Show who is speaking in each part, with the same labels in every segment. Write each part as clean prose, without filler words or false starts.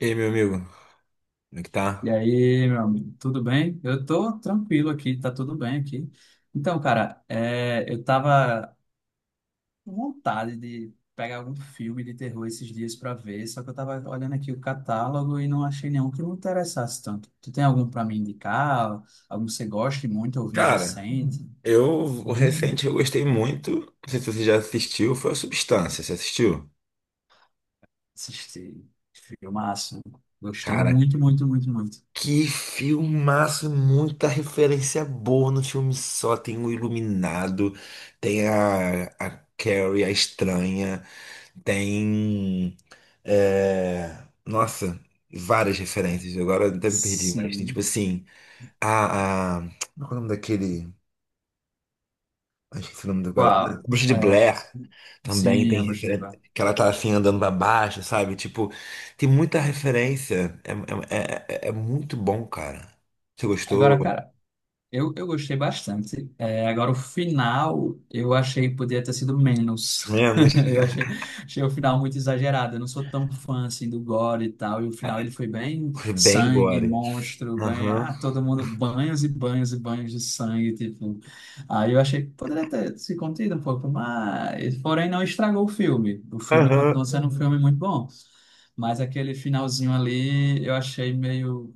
Speaker 1: E aí, meu amigo, como é que
Speaker 2: E
Speaker 1: tá?
Speaker 2: aí, meu amigo, tudo bem? Eu tô tranquilo aqui, tá tudo bem aqui. Então, cara, eu tava com vontade de pegar algum filme de terror esses dias pra ver, só que eu tava olhando aqui o catálogo e não achei nenhum que me interessasse tanto. Tu tem algum pra me indicar? Algum que você goste muito, ouviu
Speaker 1: Cara,
Speaker 2: recente?
Speaker 1: eu, o
Speaker 2: Hum.
Speaker 1: recente eu gostei muito, não sei se você já assistiu, foi a Substância, você assistiu?
Speaker 2: Assisti, filmaço. Gostei
Speaker 1: Cara,
Speaker 2: muito, muito, muito, muito.
Speaker 1: que filmaço, muita referência boa no filme só, tem o Iluminado, tem a Carrie, a Estranha, tem, é, nossa, várias referências, agora até me perdi, mas tem tipo
Speaker 2: Sim.
Speaker 1: assim, a, a, como é o nome daquele... Ai, esse nome do cara, né,
Speaker 2: Qual?
Speaker 1: Bruxa de
Speaker 2: É,
Speaker 1: Blair também
Speaker 2: sim,
Speaker 1: tem
Speaker 2: a Bruxa.
Speaker 1: referência. Que ela tá assim andando pra baixo, sabe? Tipo, tem muita referência. É, é muito bom, cara. Você gostou?
Speaker 2: Agora, cara, eu gostei bastante. É, agora, o final, eu achei que podia ter sido menos.
Speaker 1: Menos.
Speaker 2: Eu achei, achei o final muito exagerado. Eu não sou tão fã, assim, do gore e tal. E o final, ele foi bem
Speaker 1: Foi bem
Speaker 2: sangue,
Speaker 1: gore.
Speaker 2: monstro, bem...
Speaker 1: Aham.
Speaker 2: Ah, todo mundo... Banhos e banhos e banhos de sangue, tipo... Aí eu achei que poderia ter se contido um pouco, mas porém, não estragou o filme. O filme continua
Speaker 1: Aham.
Speaker 2: sendo um filme muito bom. Mas aquele finalzinho ali, eu achei meio...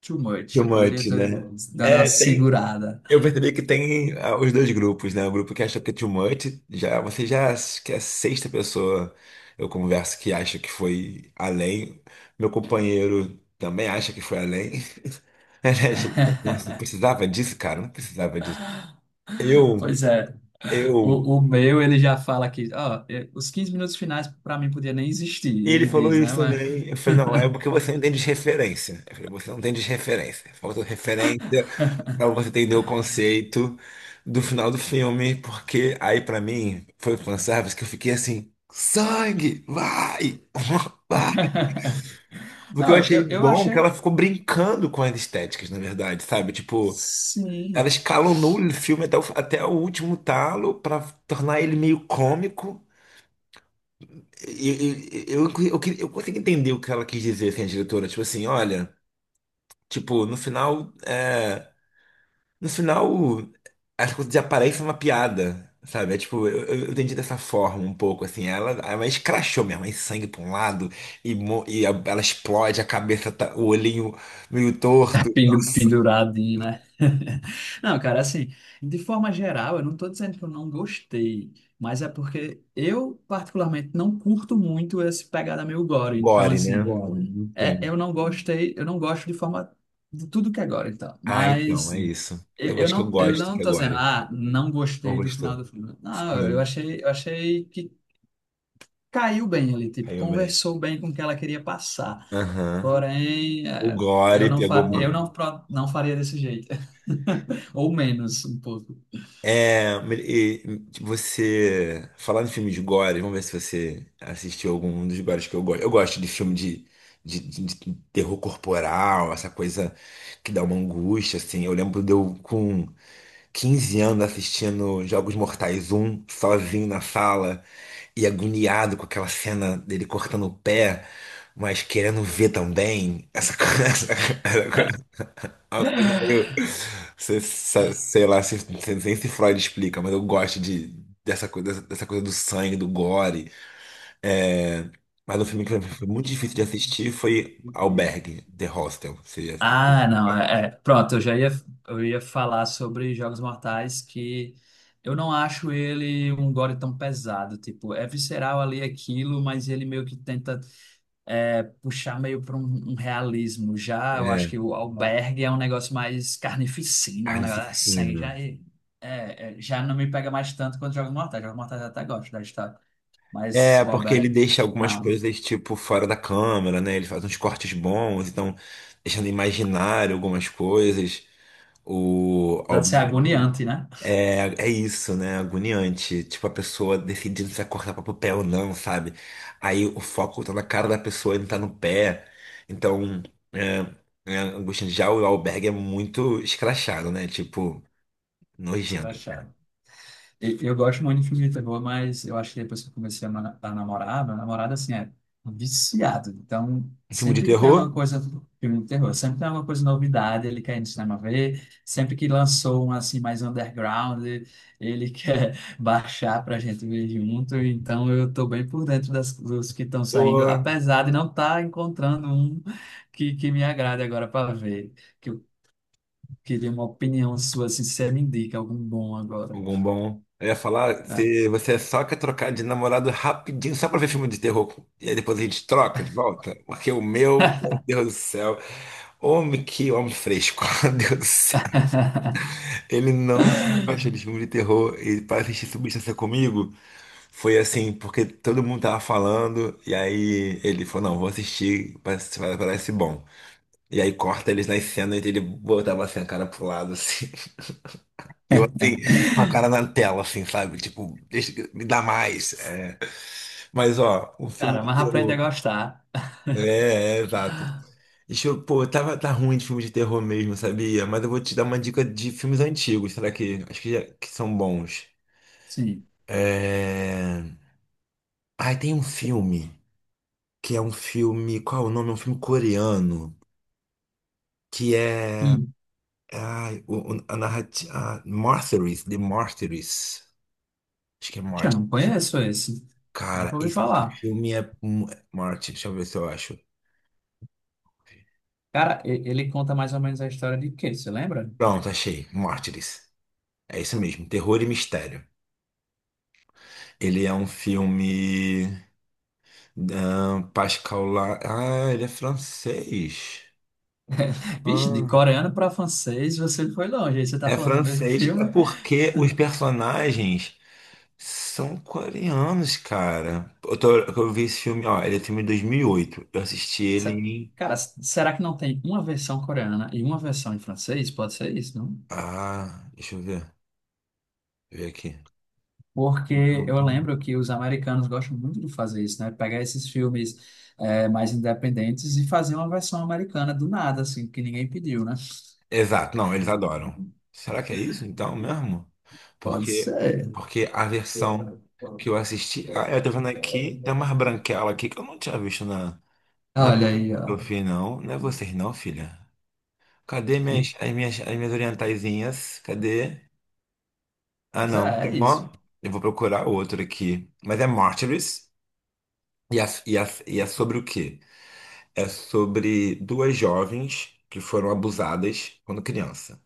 Speaker 2: too much,
Speaker 1: Too
Speaker 2: eu poderia
Speaker 1: much,
Speaker 2: ter
Speaker 1: né?
Speaker 2: dado uma
Speaker 1: É, tem.
Speaker 2: segurada.
Speaker 1: Eu percebi que tem os dois grupos, né? O grupo que acha que é too much, já, você já acha que é a sexta pessoa eu converso que acha que foi além. Meu companheiro também acha que foi além. Ele acha. Nossa, não precisava disso, cara, não precisava disso. Eu,
Speaker 2: Pois é,
Speaker 1: eu.
Speaker 2: o meu ele já fala que, ó, os 15 minutos finais para mim podia nem existir,
Speaker 1: E ele
Speaker 2: ele
Speaker 1: falou
Speaker 2: diz, né?
Speaker 1: isso também.
Speaker 2: Mas...
Speaker 1: Eu falei, não, é porque você não tem desreferência. Eu falei, você não tem desreferência. Falta referência pra você entender o conceito do final do filme, porque aí pra mim foi o fanservice que eu fiquei assim, sangue, vai, vai. Porque
Speaker 2: Não,
Speaker 1: eu
Speaker 2: eu,
Speaker 1: achei
Speaker 2: eu eu
Speaker 1: bom que
Speaker 2: achei.
Speaker 1: ela ficou brincando com as estéticas, na verdade, sabe? Tipo, ela
Speaker 2: Sim.
Speaker 1: escalonou o filme até até o último talo pra tornar ele meio cômico. Eu consigo entender o que ela quis dizer, assim, a diretora. Tipo assim, olha, tipo, no final, as coisas desaparecem uma piada, sabe? É tipo, eu entendi dessa forma um pouco, assim. Ela escrachou mesmo, aí sangue pra um lado, e, ela explode, a cabeça tá, o olhinho meio torto.
Speaker 2: Pendu-
Speaker 1: Nossa,
Speaker 2: penduradinho, né? Não, cara, assim, de forma geral, eu não tô dizendo que eu não gostei, mas é porque eu, particularmente, não curto muito esse pegada meio gore. Então,
Speaker 1: gore,
Speaker 2: assim,
Speaker 1: né?
Speaker 2: agora, né,
Speaker 1: Sim.
Speaker 2: eu não gostei, eu não gosto de forma de tudo que é gore, então.
Speaker 1: Ah, então,
Speaker 2: Mas
Speaker 1: é
Speaker 2: hum,
Speaker 1: isso. Eu acho que eu
Speaker 2: eu
Speaker 1: gosto
Speaker 2: não
Speaker 1: que é
Speaker 2: tô dizendo,
Speaker 1: gore.
Speaker 2: ah, não
Speaker 1: Não
Speaker 2: gostei do final
Speaker 1: gostou?
Speaker 2: do filme. Não,
Speaker 1: Sim,
Speaker 2: eu achei que caiu bem ali, tipo,
Speaker 1: caiu bem.
Speaker 2: conversou bem com o que ela queria passar.
Speaker 1: Aham.
Speaker 2: Porém,
Speaker 1: O
Speaker 2: eu
Speaker 1: gore
Speaker 2: não
Speaker 1: pegou
Speaker 2: fa eu
Speaker 1: mal.
Speaker 2: não, pro- não faria desse jeito. Ou menos um pouco.
Speaker 1: É, e tipo, você falar em filme de gore, vamos ver se você assistiu algum dos gores que eu gosto. Eu gosto de filme de, de terror corporal, essa coisa que dá uma angústia, assim. Eu lembro de eu com 15 anos assistindo Jogos Mortais um sozinho na sala, e agoniado com aquela cena dele cortando o pé, mas querendo ver também. Essa coisa, essa coisa meio. Sei lá nem se Freud explica, mas eu gosto de, dessa coisa do sangue, do gore. É, mas o filme que pra mim foi muito difícil de assistir foi Albergue, The Hostel. Você já assistiu?
Speaker 2: Ah, não, pronto, eu ia falar sobre Jogos Mortais que eu não acho ele um gore tão pesado, tipo, é visceral ali aquilo, mas ele meio que tenta puxar meio para um realismo. Já eu acho
Speaker 1: É,
Speaker 2: que o Albergue é um negócio mais carnificina, é um negócio assim,
Speaker 1: carnificina.
Speaker 2: já, já não me pega mais tanto quando jogo no Mortal. Jogo no Mortal eu até gosto da história, mas
Speaker 1: É,
Speaker 2: o
Speaker 1: porque ele
Speaker 2: Albergue,
Speaker 1: deixa algumas
Speaker 2: não.
Speaker 1: coisas, tipo, fora da câmera, né? Ele faz uns cortes bons, então, deixando imaginário algumas coisas. O
Speaker 2: Deve ser
Speaker 1: Albergue.
Speaker 2: agoniante, né?
Speaker 1: É é isso, né? Agoniante. Tipo, a pessoa decidindo se vai cortar para o pé ou não, sabe? Aí o foco tá na cara da pessoa e não tá no pé. Então, é, é angustiante. Já o Albergue é muito escrachado, né? Tipo, nojento.
Speaker 2: Escrachado. Eu gosto muito de filme de terror, mas eu acho que depois que eu comecei a ma- a namorar, meu namorado, assim, é viciado. Então,
Speaker 1: Um filme de
Speaker 2: sempre que tem alguma
Speaker 1: terror?
Speaker 2: coisa, filme de terror, sempre tem alguma coisa novidade, ele quer ir no cinema ver. Sempre que lançou um, assim, mais underground, ele quer baixar pra gente ver junto. Então, eu tô bem por dentro dos que estão saindo,
Speaker 1: Ou
Speaker 2: apesar de não estar encontrando um que me agrade agora para ver. Que eu queria uma opinião sua, assim, se você me indica algum bom agora,
Speaker 1: algum bom? Eu ia falar,
Speaker 2: né?
Speaker 1: se você só quer trocar de namorado rapidinho, só pra ver filme de terror, e aí depois a gente troca de volta, porque o meu, meu Deus do céu, homem que homem fresco, meu Deus do céu. Ele não gosta de filme de terror. E para assistir Substância comigo, foi assim, porque todo mundo tava falando, e aí ele falou, não, vou assistir, parece, parece bom. E aí corta eles nas cenas e ele botava assim a cara pro lado, assim. E eu assim, com a cara na tela, assim, sabe? Tipo, deixa, me dá mais. É. Mas ó, o filme
Speaker 2: Cara,
Speaker 1: de
Speaker 2: mas aprende a
Speaker 1: terror.
Speaker 2: gostar.
Speaker 1: Exato. Pô, tá ruim de filme de terror mesmo, sabia? Mas eu vou te dar uma dica de filmes antigos, será que? Acho que, que são bons.
Speaker 2: Sim.
Speaker 1: É... Ai, tem um filme que é um filme. Qual é o nome? É um filme coreano que é.
Speaker 2: Hum.
Speaker 1: Ai, a narrativa. Ah, Martyrs, The Martyrs. Acho que é
Speaker 2: Eu
Speaker 1: Martyrs.
Speaker 2: não conheço esse. Nunca
Speaker 1: Cara,
Speaker 2: ouvi
Speaker 1: esse
Speaker 2: falar.
Speaker 1: filme é. Martyrs, deixa eu ver se eu acho.
Speaker 2: Cara, ele conta mais ou menos a história de quê? Você lembra?
Speaker 1: Pronto, achei. Mártires. É isso mesmo, terror e mistério. Ele é um filme. Ah, Pascal La... Ah, ele é francês.
Speaker 2: Vixe, de
Speaker 1: Ah.
Speaker 2: coreano para francês, você foi longe. Aí você tá
Speaker 1: É
Speaker 2: falando do mesmo
Speaker 1: francês. É
Speaker 2: filme?
Speaker 1: porque os personagens são coreanos, cara. Eu vi esse filme, ó, ele é filme de 2008. Eu assisti ele
Speaker 2: Se-
Speaker 1: em.
Speaker 2: Cara, s- será que não tem uma versão coreana e uma versão em francês? Pode ser isso, não?
Speaker 1: Ah, deixa eu ver. Deixa eu ver aqui.
Speaker 2: Porque
Speaker 1: Pum,
Speaker 2: eu
Speaker 1: pum.
Speaker 2: lembro que os americanos gostam muito de fazer isso, né? Pegar esses filmes mais independentes e fazer uma versão americana do nada, assim, que ninguém pediu, né?
Speaker 1: Exato, não, eles adoram. Será que é isso então mesmo?
Speaker 2: Pode
Speaker 1: Porque,
Speaker 2: ser.
Speaker 1: porque a versão que eu assisti. Ah, eu tô vendo aqui, tem umas branquelas aqui que eu não tinha visto na, na
Speaker 2: Olha aí,
Speaker 1: no que
Speaker 2: ó.
Speaker 1: eu fiz, não. Não é vocês, não, filha. Cadê as minhas orientaizinhas? Cadê? Ah,
Speaker 2: Mas
Speaker 1: não,
Speaker 2: é,
Speaker 1: tem
Speaker 2: é isso.
Speaker 1: uma. Eu vou procurar outro aqui. Mas é Martyrs. E é, e é, e é sobre o quê? É sobre duas jovens que foram abusadas quando criança,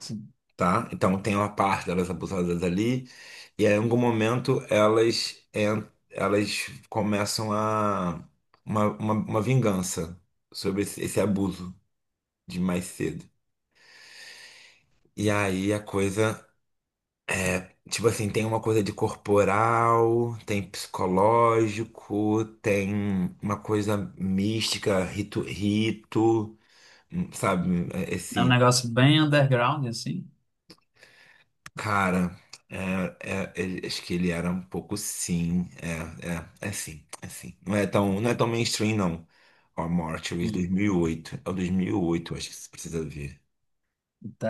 Speaker 2: Assim,
Speaker 1: tá? Então tem uma parte delas abusadas ali. E aí, em algum momento elas começam a uma vingança sobre esse abuso de mais cedo. E aí a coisa. Tipo assim, tem uma coisa de corporal, tem psicológico, tem uma coisa mística, rito, sabe? É,
Speaker 2: é um
Speaker 1: esse
Speaker 2: negócio bem underground, assim.
Speaker 1: cara, é, acho que ele era um pouco sim, é sim, é sim. Não é tão, não é tão mainstream, não. Ó, Mortuary,
Speaker 2: Hum,
Speaker 1: 2008, é o 2008, acho que você precisa ver.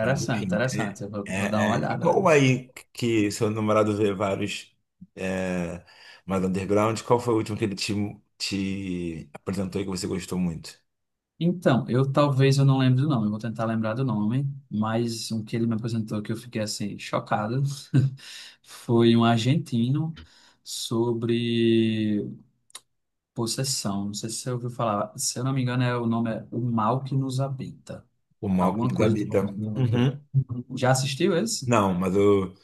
Speaker 1: Mas enfim,
Speaker 2: interessante. Eu vou, vou dar uma
Speaker 1: é. E
Speaker 2: olhada.
Speaker 1: qual aí que seu namorado vê vários é, mais underground? Qual foi o último que ele te apresentou e que você gostou muito?
Speaker 2: Então, eu talvez eu não lembre do nome, eu vou tentar lembrar do nome, mas um que ele me apresentou que eu fiquei assim chocado foi um argentino sobre possessão. Não sei se você ouviu falar, se eu não me engano, é o nome é O Mal que Nos Habita,
Speaker 1: O Malcolm
Speaker 2: alguma
Speaker 1: nos
Speaker 2: coisa do nome.
Speaker 1: habita. Uhum.
Speaker 2: Já assistiu esse?
Speaker 1: Não, mas eu,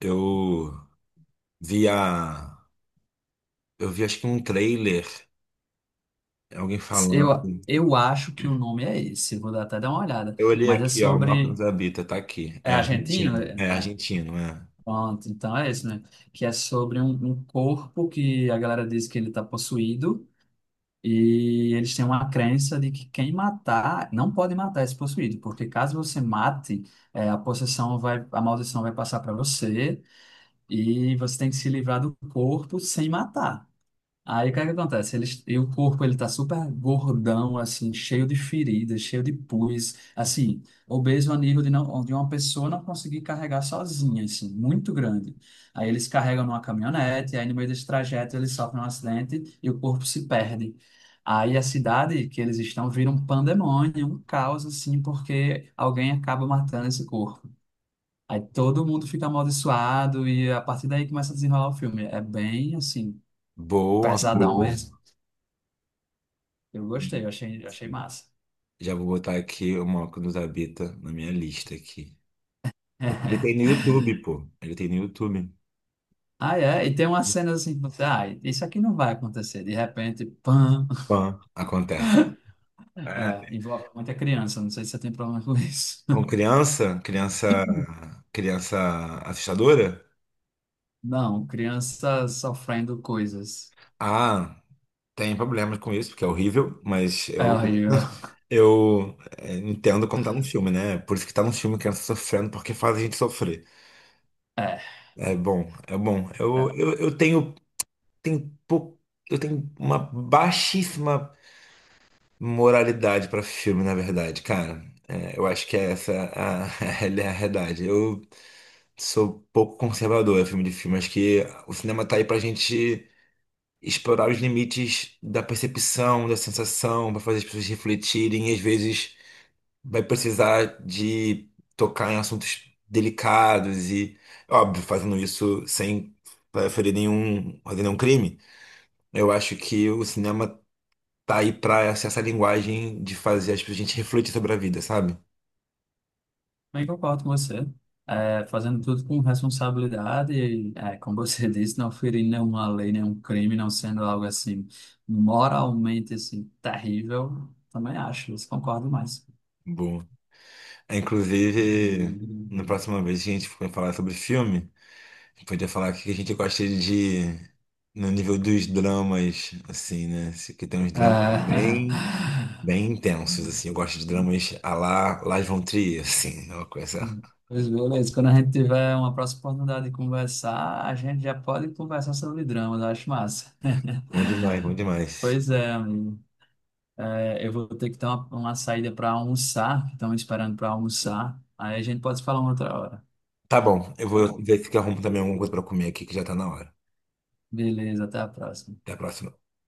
Speaker 1: eu vi a. Eu vi acho que um trailer, alguém falando.
Speaker 2: Eu acho que o nome é esse, vou dar- até dar uma olhada,
Speaker 1: Eu olhei
Speaker 2: mas é
Speaker 1: aqui, ó, o Malcolm
Speaker 2: sobre.
Speaker 1: nos habita, tá aqui.
Speaker 2: É
Speaker 1: É
Speaker 2: argentino?
Speaker 1: argentino. É
Speaker 2: É,
Speaker 1: argentino, é.
Speaker 2: pronto, então é isso, né? Que é sobre um corpo que a galera diz que ele está possuído e eles têm uma crença de que quem matar, não pode matar esse possuído, porque caso você mate, a possessão vai, a maldição vai passar para você e você tem que se livrar do corpo sem matar. Aí o que é que acontece? Eles e o corpo ele tá super gordão, assim, cheio de feridas, cheio de pus, assim, obeso a nível de, não, de uma pessoa não conseguir carregar sozinha, assim, muito grande. Aí eles carregam numa caminhonete, aí no meio desse trajeto eles sofrem um acidente e o corpo se perde. Aí a cidade que eles estão vira um pandemônio, um caos, assim, porque alguém acaba matando esse corpo. Aí todo mundo fica amaldiçoado e a partir daí começa a desenrolar o filme. É bem, assim,
Speaker 1: Boa, cara.
Speaker 2: pesadão mesmo. Eu gostei, eu achei massa.
Speaker 1: Já vou botar aqui o Moco nos Habita na minha lista aqui. Porque ele tem no YouTube, pô. Ele tem no YouTube.
Speaker 2: Ah, é, e tem umas cenas assim, que você, ah, isso aqui não vai acontecer. De repente, pam,
Speaker 1: Pã, acontece. É.
Speaker 2: é, envolve muita criança, não sei se você tem problema com isso.
Speaker 1: Com criança assustadora?
Speaker 2: Não, criança sofrendo coisas.
Speaker 1: Ah, tem problemas com isso, porque é horrível, mas
Speaker 2: É horrível.
Speaker 1: entendo como tá no filme, né? É por isso que tá no filme criança sofrendo, porque faz a gente sofrer.
Speaker 2: É,
Speaker 1: É bom, é bom.
Speaker 2: é.
Speaker 1: Tenho, pou- eu tenho uma baixíssima moralidade pra filme, na verdade, cara. É, eu acho que é essa a, a realidade. Eu sou pouco conservador em filme de filme. Acho que o cinema tá aí pra gente explorar os limites da percepção, da sensação, pra fazer as pessoas refletirem. E às vezes vai precisar de tocar em assuntos delicados e, óbvio, fazendo isso sem ferir nenhum, fazer nenhum crime. Eu acho que o cinema tá aí pra essa essa linguagem de fazer pessoas a gente refletir sobre a vida, sabe?
Speaker 2: Bem, concordo com você. É, fazendo tudo com responsabilidade, como você disse, não ferindo nenhuma lei, nenhum crime, não sendo algo assim moralmente assim terrível, também acho, isso concordo mais.
Speaker 1: Bom. É, inclusive, na próxima vez que a gente for falar sobre filme, a gente podia falar o que a gente gosta de. No nível dos dramas, assim, né? Que tem uns dramas bem,
Speaker 2: Ah,
Speaker 1: bem intensos, assim. Eu gosto de dramas à la Lars von Trier, assim. É uma coisa.
Speaker 2: pois beleza, quando a gente tiver uma próxima oportunidade de conversar, a gente já pode conversar sobre dramas, eu acho massa.
Speaker 1: Bom demais, bom demais.
Speaker 2: Pois é, amigo. É, eu vou ter que ter uma saída para almoçar, que estão me esperando para almoçar. Aí a gente pode se falar uma outra hora.
Speaker 1: Tá bom, eu vou ver se eu arrumo também alguma coisa pra comer aqui, que já tá na hora.
Speaker 2: Beleza, até a próxima.
Speaker 1: Até a próxima.